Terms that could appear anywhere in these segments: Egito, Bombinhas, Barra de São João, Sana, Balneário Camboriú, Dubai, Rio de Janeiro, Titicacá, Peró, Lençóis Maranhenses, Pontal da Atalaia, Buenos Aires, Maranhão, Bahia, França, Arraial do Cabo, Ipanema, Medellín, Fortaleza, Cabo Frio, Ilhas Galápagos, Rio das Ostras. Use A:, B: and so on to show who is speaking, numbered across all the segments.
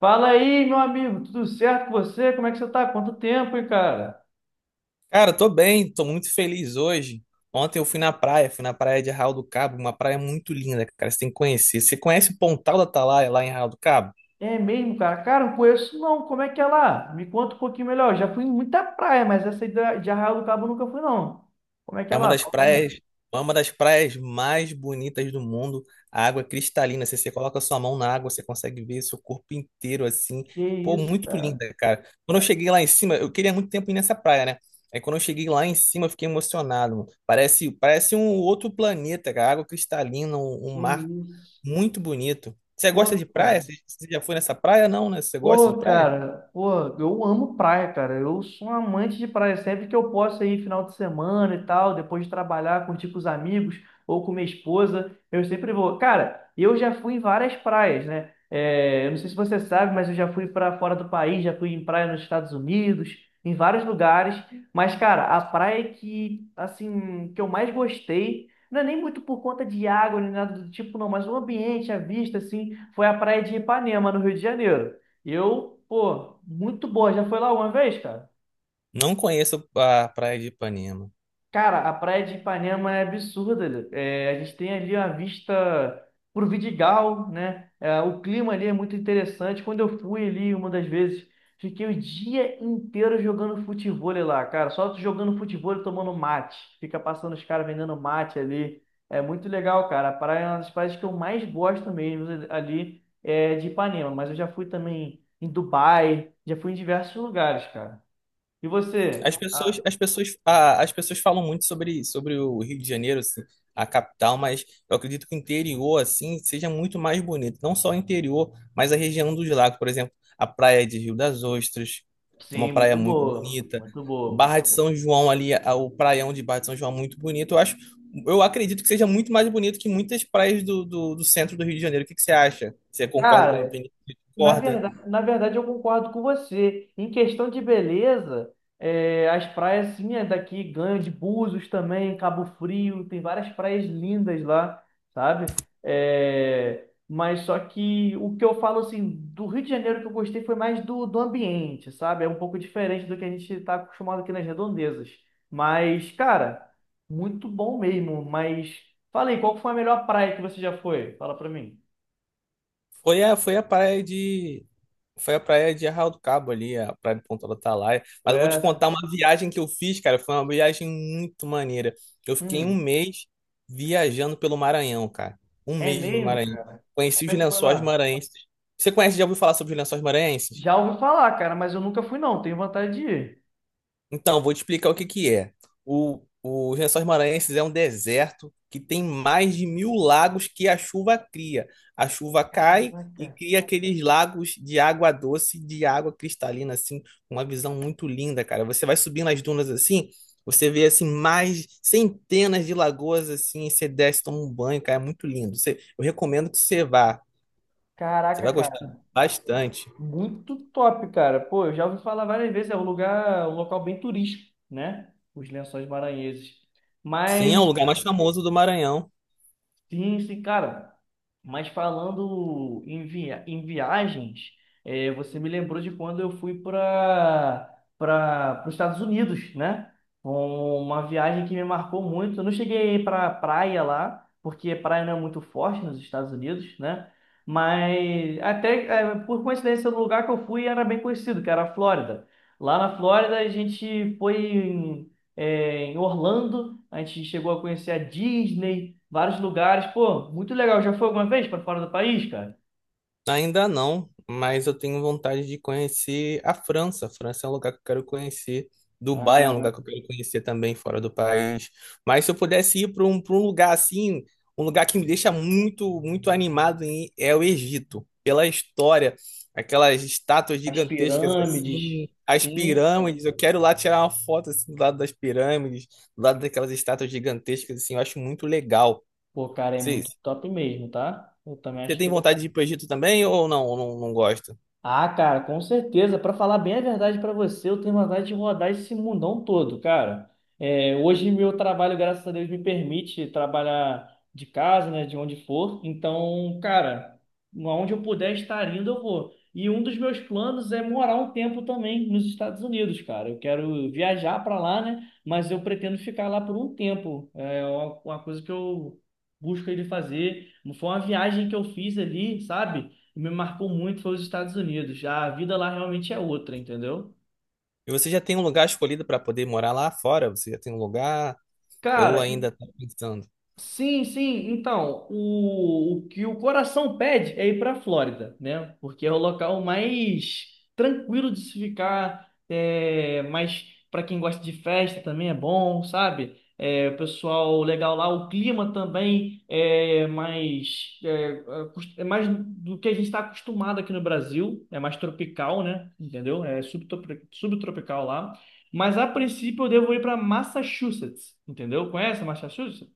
A: Fala aí, meu amigo, tudo certo com você? Como é que você tá? Quanto tempo, hein, cara?
B: Cara, tô bem, tô muito feliz hoje. Ontem eu fui na praia de Arraial do Cabo, uma praia muito linda, cara, você tem que conhecer. Você conhece Pontal da Atalaia lá em Arraial do Cabo?
A: É mesmo, cara? Cara, não conheço não. Como é que é lá? Me conta um pouquinho melhor. Já fui em muita praia, mas essa aí de Arraial do Cabo eu nunca fui, não. Como é que
B: É
A: é
B: uma
A: lá?
B: das
A: Fala pra mim.
B: praias, é uma das praias mais bonitas do mundo. A água é cristalina, você coloca sua mão na água, você consegue ver seu corpo inteiro assim.
A: Que
B: Pô,
A: isso,
B: muito
A: cara?
B: linda, cara. Quando eu cheguei lá em cima, eu queria muito tempo ir nessa praia, né? Aí quando eu cheguei lá em cima, eu fiquei emocionado, mano. Parece um outro planeta, cara. Água cristalina, um
A: Que
B: mar
A: isso?
B: muito bonito. Você gosta
A: Pô,
B: de praia?
A: cara.
B: Você já foi nessa praia? Não, né? Você gosta de
A: Pô,
B: praia?
A: cara, pô, eu amo praia, cara. Eu sou um amante de praia. Sempre que eu posso aí, final de semana e tal, depois de trabalhar, curtir com os amigos ou com minha esposa, eu sempre vou. Cara, eu já fui em várias praias, né? É, eu não sei se você sabe, mas eu já fui para fora do país, já fui em praia nos Estados Unidos, em vários lugares. Mas, cara, a praia que, assim, que eu mais gostei, não é nem muito por conta de água nem nada do tipo, não, mas o ambiente, a vista, assim, foi a praia de Ipanema, no Rio de Janeiro. Eu, pô, muito boa. Já foi lá uma vez, cara?
B: Não conheço a Praia de Ipanema.
A: Cara, a praia de Ipanema é absurda. É, a gente tem ali uma vista pro Vidigal, né? É, o clima ali é muito interessante. Quando eu fui ali uma das vezes, fiquei o dia inteiro jogando futevôlei lá, cara. Só jogando futevôlei, tomando mate. Fica passando os caras vendendo mate ali. É muito legal, cara. A praia é uma das praias que eu mais gosto mesmo ali é de Ipanema. Mas eu já fui também em Dubai, já fui em diversos lugares, cara. E
B: As
A: você?
B: pessoas,
A: Ah,
B: as pessoas, a- as pessoas falam muito sobre o Rio de Janeiro, assim, a capital, mas eu acredito que o interior, assim, seja muito mais bonito. Não só o interior, mas a região dos lagos, por exemplo, a praia de Rio das Ostras, é uma
A: sim,
B: praia
A: muito
B: muito
A: boa.
B: bonita.
A: Muito boa, muito
B: Barra de
A: boa.
B: São João ali, o praião de Barra de São João é muito bonito. Eu acho, eu acredito que seja muito mais bonito que muitas praias do centro do Rio de Janeiro. O que que você acha? Você concorda com a minha
A: Cara,
B: opinião?
A: Na
B: Concorda?
A: verdade, na verdade, eu concordo com você. Em questão de beleza, é, as praias, sim, é daqui ganham de Búzios também, Cabo Frio, tem várias praias lindas lá, sabe? É, mas só que o que eu falo, assim, do Rio de Janeiro que eu gostei foi mais do ambiente, sabe? É um pouco diferente do que a gente está acostumado aqui nas redondezas. Mas, cara, muito bom mesmo. Mas, fala aí, qual que foi a melhor praia que você já foi? Fala pra mim.
B: Foi a, foi a praia de Foi a praia de Arraial do Cabo ali, a praia de Ponta do Atalaia. Mas
A: Foi
B: eu vou te
A: essa?
B: contar uma viagem que eu fiz, cara. Foi uma viagem muito maneira. Eu fiquei um
A: Hum,
B: mês viajando pelo Maranhão, cara. Um
A: é
B: mês no
A: mesmo?
B: Maranhão.
A: Como
B: Conheci os
A: é que foi
B: lençóis
A: lá?
B: maranhenses. Você conhece, já ouviu falar sobre os lençóis maranhenses?
A: Já ouvi falar, cara, mas eu nunca fui não, tenho vontade de ir.
B: Então, vou te explicar o que que é. Os Lençóis Maranhenses é um deserto que tem mais de 1000 lagos que a chuva cria. A chuva cai e
A: Caraca.
B: cria aqueles lagos de água doce, de água cristalina, assim, uma visão muito linda, cara. Você vai subindo as dunas assim, você vê assim mais centenas de lagoas assim, e você desce, toma um banho, cara, é muito lindo. Eu recomendo que você vá. Você
A: Caraca,
B: vai gostar
A: cara,
B: bastante.
A: muito top, cara. Pô, eu já ouvi falar várias vezes, é um lugar, um local bem turístico, né? Os Lençóis Maranhenses.
B: Sim, é o
A: Mas
B: lugar mais famoso do Maranhão.
A: sim, sim, cara. Mas falando em, viagens, você me lembrou de quando eu fui para os Estados Unidos, né? Uma viagem que me marcou muito. Eu não cheguei para praia lá, porque praia não é muito forte nos Estados Unidos, né? Mas até por coincidência, o lugar que eu fui era bem conhecido, que era a Flórida. Lá na Flórida, a gente foi em Orlando. A gente chegou a conhecer a Disney, vários lugares. Pô, muito legal. Já foi alguma vez para fora do país, cara?
B: Ainda não, mas eu tenho vontade de conhecer a França. A França é um lugar que eu quero conhecer. Dubai é um
A: Ah,
B: lugar que eu quero conhecer também, fora do país. Mas se eu pudesse ir para um lugar assim, um lugar que me deixa muito animado é o Egito. Pela história, aquelas estátuas
A: as
B: gigantescas
A: pirâmides,
B: assim, as
A: sim.
B: pirâmides. Eu quero lá tirar uma foto assim, do lado das pirâmides, do lado daquelas estátuas gigantescas assim. Eu acho muito legal.
A: Pô, cara, é muito
B: Vocês-
A: top mesmo, tá? Eu também
B: Você
A: acho
B: tem
A: que
B: vontade de ir para o Egito também ou não? Ou não, não gosta?
A: ah, cara, com certeza. Pra falar bem a verdade pra você, eu tenho vontade de rodar esse mundão todo, cara. É, hoje meu trabalho, graças a Deus, me permite trabalhar de casa, né, de onde for. Então, cara, aonde eu puder estar indo, eu vou. E um dos meus planos é morar um tempo também nos Estados Unidos, cara. Eu quero viajar pra lá, né? Mas eu pretendo ficar lá por um tempo. É uma coisa que eu busco ele fazer. Foi uma viagem que eu fiz ali, sabe? O que me marcou muito foi os Estados Unidos. Já a vida lá realmente é outra, entendeu?
B: E você já tem um lugar escolhido para poder morar lá fora? Você já tem um lugar ou
A: Cara,
B: ainda tá pensando?
A: sim, sim. Então, o que o coração pede é ir para a Flórida, né? Porque é o local mais tranquilo de se ficar, é, mas para quem gosta de festa também é bom, sabe? É, o pessoal legal lá, o clima também é mais, é, é mais do que a gente está acostumado aqui no Brasil, é mais tropical, né? Entendeu? É subtropical lá. Mas a princípio eu devo ir para Massachusetts, entendeu? Conhece Massachusetts?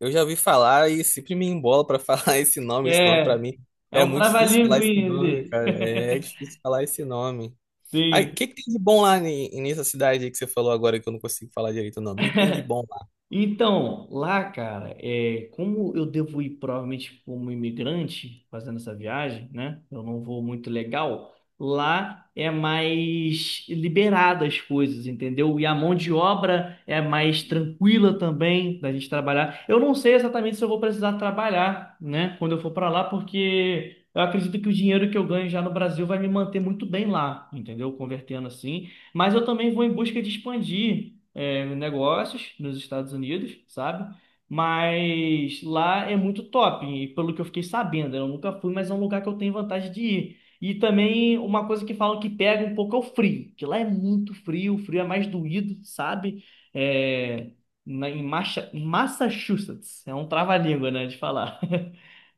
B: Eu já ouvi falar e sempre me embola para falar esse nome. Esse nome para
A: É,
B: mim
A: é
B: é
A: um
B: muito difícil falar
A: trava-língua
B: esse nome,
A: ali.
B: cara. É, difícil falar esse nome. Aí, o
A: Sim.
B: que que tem de bom lá nessa cidade aí que você falou agora que eu não consigo falar direito o nome? O que que tem de bom lá?
A: Então, lá, cara, é, como eu devo ir provavelmente como imigrante fazendo essa viagem, né? Eu não vou muito legal. Lá é mais liberada as coisas, entendeu? E a mão de obra é mais tranquila também da gente trabalhar. Eu não sei exatamente se eu vou precisar trabalhar, né? Quando eu for para lá, porque eu acredito que o dinheiro que eu ganho já no Brasil vai me manter muito bem lá, entendeu? Convertendo assim. Mas eu também vou em busca de expandir negócios nos Estados Unidos, sabe? Mas lá é muito top, e pelo que eu fiquei sabendo, eu nunca fui, mas é um lugar que eu tenho vontade de ir. E também uma coisa que falam que pega um pouco é o frio, que lá é muito frio, o frio é mais doído, sabe? É, na, em Massachusetts, é um trava-língua, né, de falar.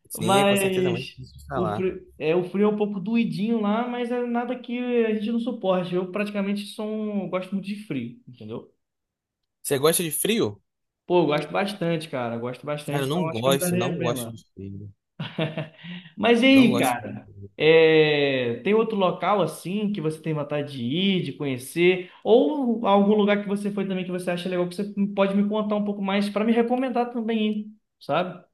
B: Sim, é com certeza muito
A: Mas
B: difícil de falar.
A: o frio é um pouco doidinho lá, mas é nada que a gente não suporte. Eu praticamente sou um, gosto muito de frio, entendeu?
B: Você gosta de frio?
A: Pô, eu gosto bastante, cara. Gosto
B: Cara, eu
A: bastante, então
B: não
A: acho que eu me
B: gosto,
A: daria
B: não
A: bem
B: gosto
A: lá.
B: de frio.
A: Mas e
B: Não
A: aí,
B: gosto de
A: cara?
B: frio.
A: É, tem outro local assim que você tem vontade de ir, de conhecer? Ou algum lugar que você foi também que você acha legal que você pode me contar um pouco mais para me recomendar também ir, sabe?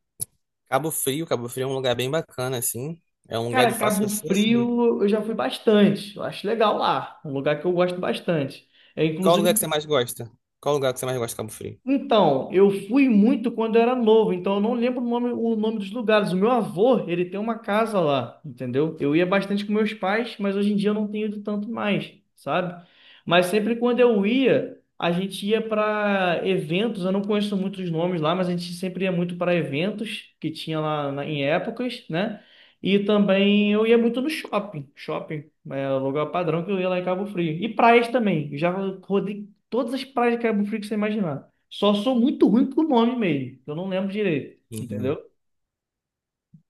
B: Cabo Frio, Cabo Frio é um lugar bem bacana, assim. É um lugar de
A: Cara,
B: fácil
A: Cabo
B: acesso. Né?
A: Frio eu já fui bastante. Eu acho legal lá. Um lugar que eu gosto bastante. É
B: Qual
A: inclusive
B: lugar que você mais gosta? Qual lugar que você mais gosta de Cabo Frio?
A: então, eu fui muito quando eu era novo, então eu não lembro o nome dos lugares. O meu avô, ele tem uma casa lá, entendeu? Eu ia bastante com meus pais, mas hoje em dia eu não tenho ido tanto mais, sabe? Mas sempre quando eu ia, a gente ia para eventos. Eu não conheço muitos nomes lá, mas a gente sempre ia muito para eventos que tinha lá em épocas, né? E também eu ia muito no shopping, shopping, é o lugar padrão que eu ia lá em Cabo Frio. E praias também, eu já rodei todas as praias de Cabo Frio que você imaginar. Só sou muito ruim com o nome mesmo. Que Eu não lembro direito, entendeu?
B: Uhum.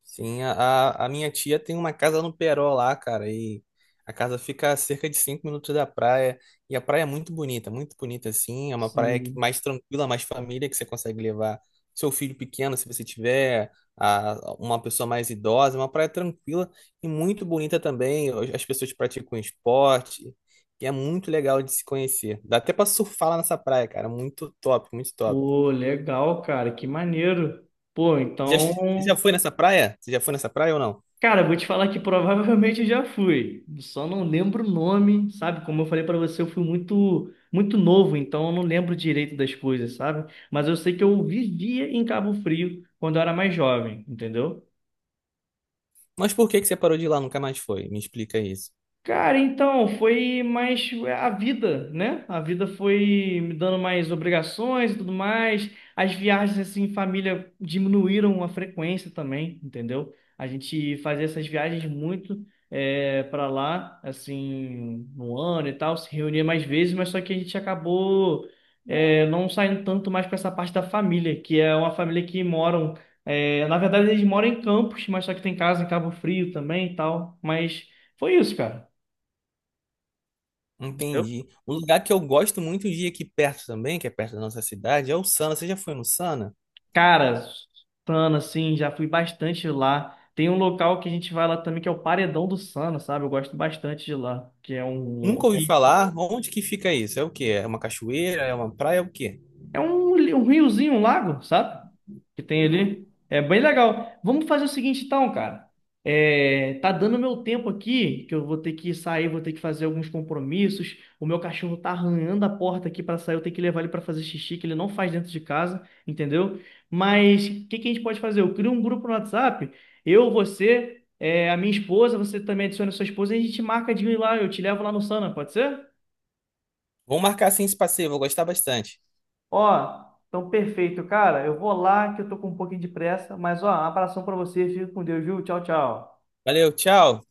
B: Sim, a minha tia tem uma casa no Peró lá, cara, e a casa fica a cerca de 5 minutos da praia, e a praia é muito bonita assim,
A: Sim.
B: mais tranquila, mais família, que você consegue levar seu filho pequeno, se você tiver uma pessoa mais idosa, é uma praia tranquila e muito bonita também, as pessoas praticam esporte, e é muito legal de se conhecer. Dá até pra surfar lá nessa praia, cara, muito top, muito top.
A: Pô, legal, cara. Que maneiro. Pô,
B: Já
A: então.
B: foi nessa praia? Você já foi nessa praia ou não?
A: Cara, vou te falar que provavelmente eu já fui. Só não lembro o nome, sabe? Como eu falei pra você, eu fui muito, muito novo, então eu não lembro direito das coisas, sabe? Mas eu sei que eu vivia em Cabo Frio quando eu era mais jovem, entendeu?
B: Mas por que que você parou de ir lá, nunca mais foi? Me explica isso.
A: Cara, então, foi mais a vida, né? A vida foi me dando mais obrigações e tudo mais. As viagens, assim, em família diminuíram a frequência também, entendeu? A gente fazia essas viagens muito para lá, assim, no ano e tal, se reunia mais vezes, mas só que a gente acabou não saindo tanto mais para essa parte da família, que é uma família que moram. Na verdade, eles moram em Campos, mas só que tem casa em Cabo Frio também e tal. Mas foi isso, cara. Eu,
B: Entendi. Um lugar que eu gosto muito de ir aqui perto também, que é perto da nossa cidade, é o Sana. Você já foi no Sana?
A: cara, Sana, assim, já fui bastante lá. Tem um local que a gente vai lá também, que é o Paredão do Sana, sabe? Eu gosto bastante de lá, que é um
B: Nunca ouvi falar. Onde que fica isso? É o quê? É uma cachoeira? É uma praia? É o quê?
A: é um, um riozinho, um lago, sabe? Que tem ali. É bem legal. Vamos fazer o seguinte, então, cara. É, tá dando meu tempo aqui, que eu vou ter que sair, vou ter que fazer alguns compromissos. O meu cachorro tá arranhando a porta aqui pra sair, eu tenho que levar ele pra fazer xixi, que ele não faz dentro de casa, entendeu? Mas o que que a gente pode fazer? Eu crio um grupo no WhatsApp, eu, você, é, a minha esposa, você também adiciona a sua esposa e a gente marca de ir lá, eu te levo lá no Sana, pode ser?
B: Vamos marcar assim esse passeio, vou gostar bastante.
A: Ó, então perfeito, cara. Eu vou lá que eu tô com um pouquinho de pressa, mas ó, um abração pra você, fica com Deus, viu? Tchau, tchau.
B: Valeu, tchau.